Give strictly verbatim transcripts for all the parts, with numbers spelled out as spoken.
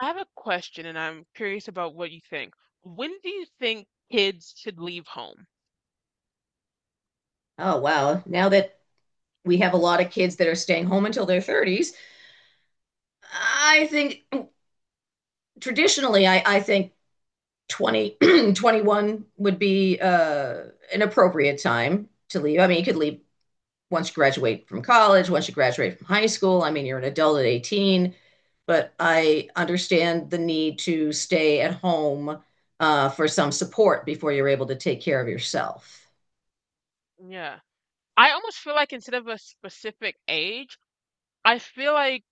I have a question and I'm curious about what you think. When do you think kids should leave home? Oh, wow. Now that we have a lot of kids that are staying home until their thirties, I think traditionally, I, I think twenty twenty one would be uh, an appropriate time to leave. I mean, you could leave once you graduate from college, once you graduate from high school. I mean, you're an adult at eighteen, but I understand the need to stay at home uh, for some support before you're able to take care of yourself. Yeah. I almost feel like, instead of a specific age, I feel like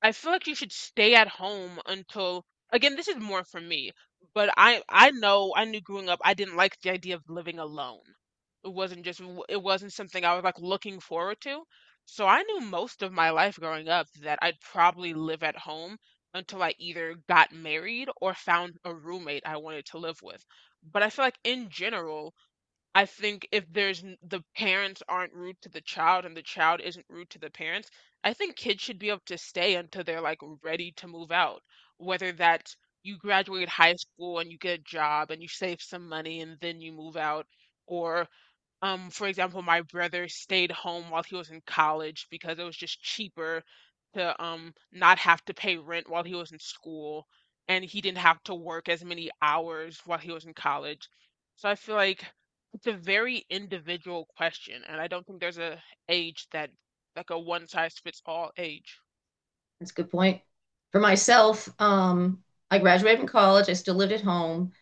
I feel like you should stay at home until again, this is more for me, but I I know I knew growing up I didn't like the idea of living alone. It wasn't just w- it wasn't something I was, like, looking forward to. So I knew most of my life growing up that I'd probably live at home until I either got married or found a roommate I wanted to live with. But I feel like, in general, I think if there's n- the parents aren't rude to the child and the child isn't rude to the parents, I think kids should be able to stay until they're, like, ready to move out. Whether that's, you graduate high school and you get a job and you save some money and then you move out, or, um, for example, my brother stayed home while he was in college because it was just cheaper to um not have to pay rent while he was in school, and he didn't have to work as many hours while he was in college. So I feel like it's a very individual question, and I don't think there's a age that like a one size fits all age. That's a good point. For myself, um, I graduated from college. I still lived at home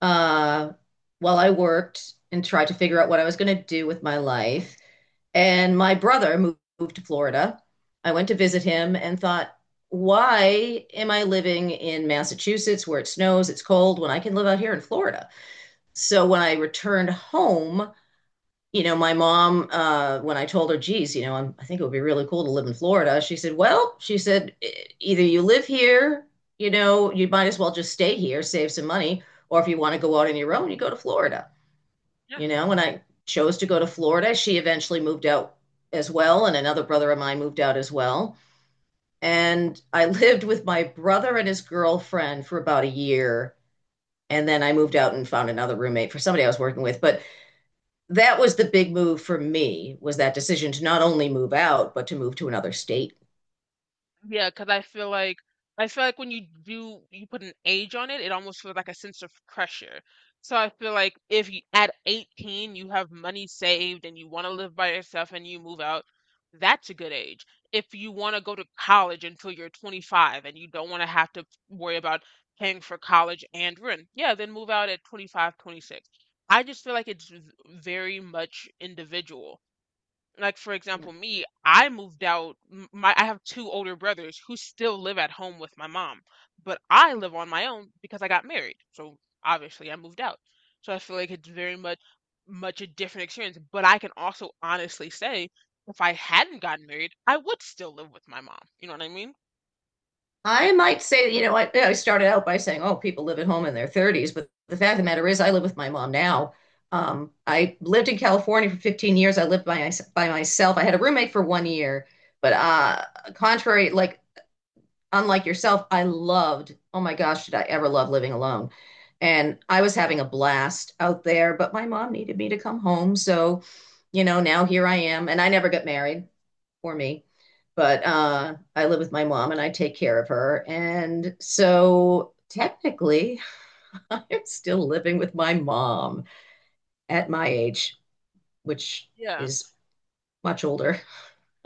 uh, while I worked and tried to figure out what I was going to do with my life. And my brother moved, moved to Florida. I went to visit him and thought, why am I living in Massachusetts where it snows, it's cold, when I can live out here in Florida? So when I returned home, you know, my mom, uh, when I told her, geez, you know, I'm, I think it would be really cool to live in Florida, she said, well, she said, "e- either you live here, you know, you might as well just stay here, save some money, or if you want to go out on your own, you go to Florida, you know," when I chose to go to Florida. She eventually moved out as well, and another brother of mine moved out as well. And I lived with my brother and his girlfriend for about a year. And then I moved out and found another roommate for somebody I was working with. But that was the big move for me, was that decision to not only move out but to move to another state. Yeah, because I feel like I feel like when you do you put an age on it, it almost feels like a sense of pressure. So I feel like, if you at eighteen you have money saved and you want to live by yourself and you move out, that's a good age. If you want to go to college until you're twenty-five and you don't want to have to worry about paying for college and rent, yeah, then move out at twenty-five, twenty-six. I just feel like it's v- very much individual. Like, for Yeah. example, me, I moved out. M- my i have two older brothers who still live at home with my mom, but I live on my own because I got married, so obviously I moved out. So I feel like it's very much much a different experience, but I can also honestly say, if I hadn't gotten married, I would still live with my mom, you know what I mean? I might say, you know, I, I started out by saying, oh, people live at home in their thirties, but the fact of the matter is I live with my mom now. um, I lived in California for fifteen years. I lived by, by myself. I had a roommate for one year, but uh, contrary, like, unlike yourself, I loved — oh my gosh, did I ever love living alone? And I was having a blast out there, but my mom needed me to come home. So, you know, now here I am. And I never got married, for me, but uh, I live with my mom and I take care of her. And so technically, I'm still living with my mom at my age, which Yeah. is much older.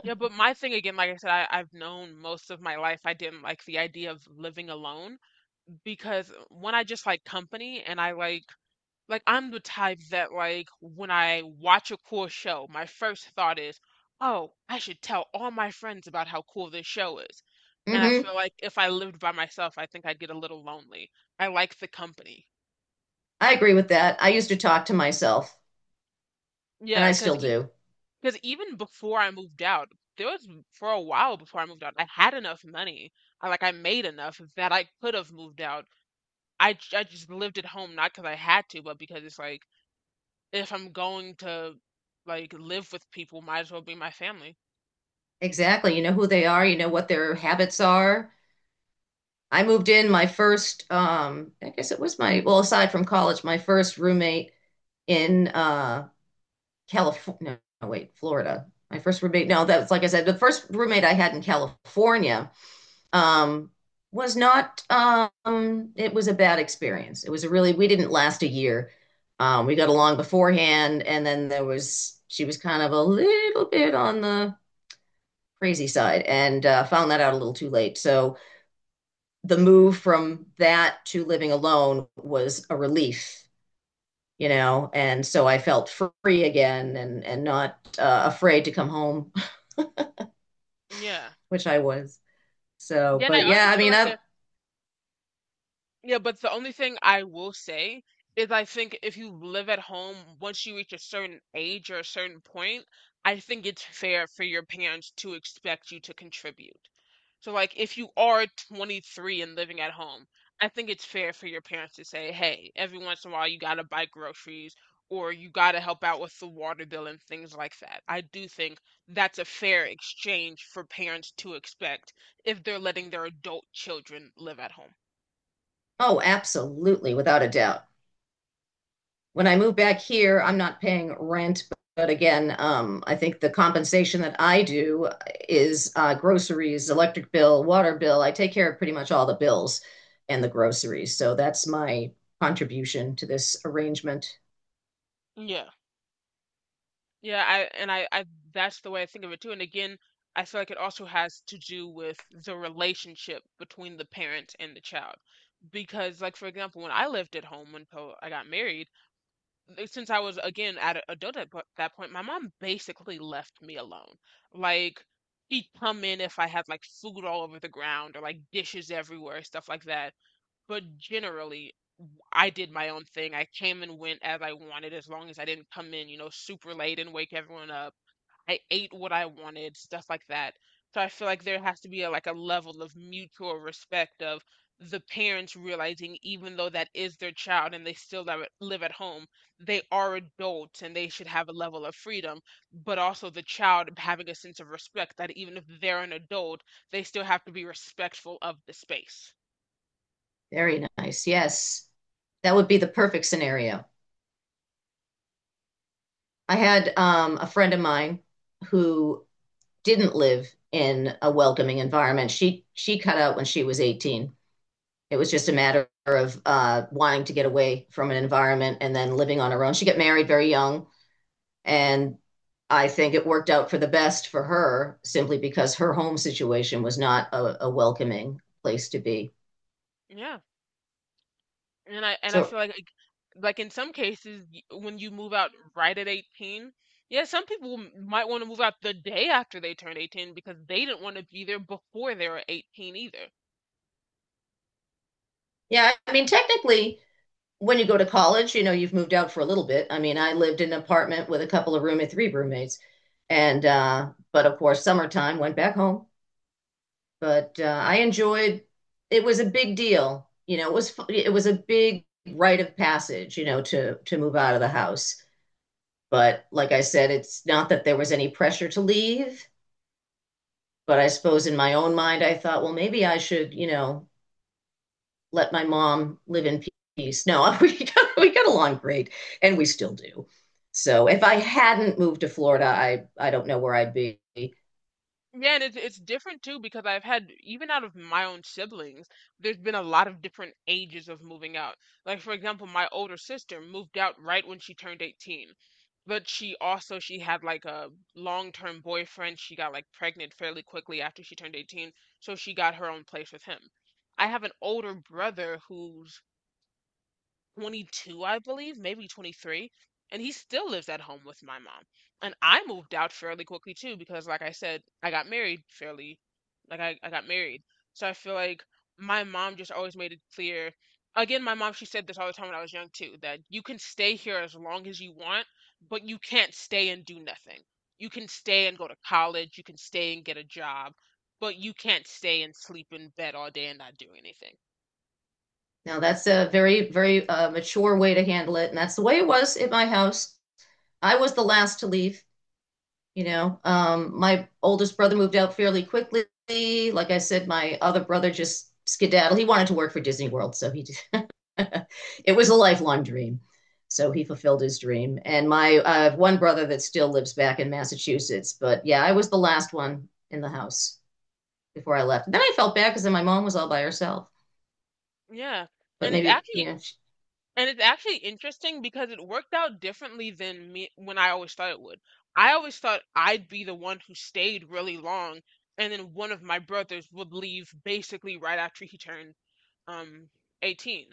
Yeah, but my thing, again, like I said, I, i've known most of my life I didn't like the idea of living alone, because when I just like company and I like. Like, I'm the type that, like, when I watch a cool show, my first thought is, "Oh, I should tell all my friends about how cool this show is." And I Hmm. feel like if I lived by myself, I think I'd get a little lonely. I like the company. I agree with that. I used to talk to myself, and Yeah, I cause, still e, do. cause even before I moved out, there was for a while before I moved out, I had enough money. I like I made enough that I could have moved out. I j- I just lived at home not because I had to, but because it's like, if I'm going to, like, live with people, might as well be my family. Exactly. You know who they are, you know what their habits are. I moved in my first, um, I guess it was my, well, aside from college, my first roommate in uh California. No, no, wait, Florida. My first roommate, no, that's, like I said, the first roommate I had in California um was not, um it was a bad experience. It was a really we didn't last a year. Um, we got along beforehand, and then there was she was kind of a little bit on the crazy side, and uh, found that out a little too late. So the move from that to living alone was a relief, you know, and so I felt free again, and and not uh, afraid to come home, Yeah. which I was. So, Then I but also yeah, I feel mean, like I a Yeah, but the only thing I will say is, I think if you live at home, once you reach a certain age or a certain point, I think it's fair for your parents to expect you to contribute. So, like, if you are twenty-three and living at home, I think it's fair for your parents to say, hey, every once in a while you gotta buy groceries, or you gotta help out with the water bill and things like that. I do think that's a fair exchange for parents to expect if they're letting their adult children live at home. oh, absolutely, without a doubt. When I move back here, I'm not paying rent. But again, um, I think the compensation that I do is uh, groceries, electric bill, water bill. I take care of pretty much all the bills and the groceries. So that's my contribution to this arrangement. Yeah. Yeah, I and I, I that's the way I think of it too. And again, I feel like it also has to do with the relationship between the parent and the child. Because, like, for example, when I lived at home until I got married, uh, since I was, again, at a adult at po- that point, my mom basically left me alone. Like, she'd come in if I had like food all over the ground or like dishes everywhere, stuff like that. But generally, w- I did my own thing. I came and went as I wanted, as long as I didn't come in, you know, super late and wake everyone up. I ate what I wanted, stuff like that. So I feel like there has to be a, like, a level of mutual respect, of the parents realizing, even though that is their child and they still live at, live at home, they are adults and they should have a level of freedom, but also the child having a sense of respect that, even if they're an adult, they still have to be respectful of the space. Very nice. Yes. That would be the perfect scenario. I had um, a friend of mine who didn't live in a welcoming environment. She she cut out when she was eighteen. It was just a matter of uh, wanting to get away from an environment and then living on her own. She got married very young, and I think it worked out for the best for her simply because her home situation was not a, a welcoming place to be. Yeah. And I and I So, feel like like like in some cases, y- when you move out right at eighteen, yeah, some people m- might want to move out the day after they turn eighteen because they didn't want to be there before they were eighteen either. yeah, I mean, technically, when you go to college, you know, you've moved out for a little bit. I mean, I lived in an apartment with a couple of roommates, three roommates. And, uh, but of course, summertime went back home. But uh, I enjoyed. It was a big deal, you know. It was fu- it was a big rite of passage, you know, to to move out of the house. But like I said, it's not that there was any pressure to leave. But I suppose in my own mind, I thought, well, maybe I should, you know, let my mom live in peace. No, we got, we got along great, and we still do. So if I hadn't moved to Florida, I I don't know where I'd be. Yeah, and it's it's different too, because I've had, even out of my own siblings, there's been a lot of different ages of moving out. Like, for example, my older sister moved out right when she turned eighteen. But she also, she had like a long-term boyfriend. She got, like, pregnant fairly quickly after she turned eighteen, so she got her own place with him. I have an older brother who's twenty-two, I believe, maybe twenty-three, and he still lives at home with my mom. And I moved out fairly quickly too, because, like I said, I got married fairly, like, I, I got married. So I feel like my mom just always made it clear. Again, my mom, she said this all the time when I was young too, that you can stay here as long as you want, but you can't stay and do nothing. You can stay and go to college, you can stay and get a job, but you can't stay and sleep in bed all day and not do anything. Now that's a very, very uh, mature way to handle it, and that's the way it was in my house. I was the last to leave, you know. Um, my oldest brother moved out fairly quickly. Like I said, my other brother just skedaddled. He wanted to work for Disney World, so he did. It was a lifelong dream. So he fulfilled his dream. And my uh, one brother that still lives back in Massachusetts. But yeah, I was the last one in the house before I left. And then I felt bad because then my mom was all by herself. Yeah. But And it's maybe, you actually know, And it's actually interesting, because it worked out differently than me when I always thought it would. I always thought I'd be the one who stayed really long, and then one of my brothers would leave basically right after he turned um eighteen.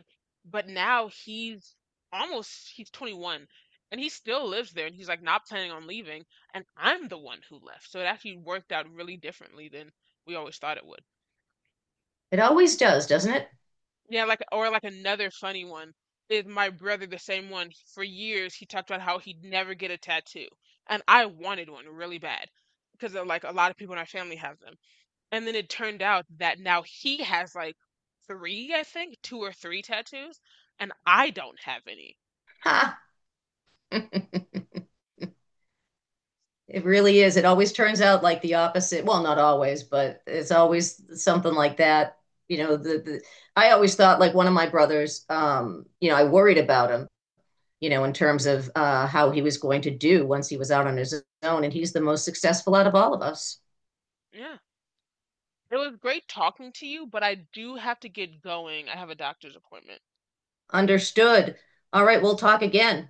But now he's almost he's twenty-one and he still lives there and he's, like, not planning on leaving, and I'm the one who left. So it actually worked out really differently than we always thought it would. it always does, doesn't it? Yeah, like, or, like, another funny one is my brother, the same one. For years, he talked about how he'd never get a tattoo, and I wanted one really bad because, like, a lot of people in our family have them. And then it turned out that now he has, like, three, I think, two or three tattoos, and I don't have any. Ha. It really is. It always turns out like the opposite. Well, not always, but it's always something like that. You know, the, the I always thought, like, one of my brothers, um, you know, I worried about him, you know, in terms of uh, how he was going to do once he was out on his own, and he's the most successful out of all of us. Yeah, it was great talking to you, but I do have to get going. I have a doctor's appointment. Understood. All right, we'll talk again.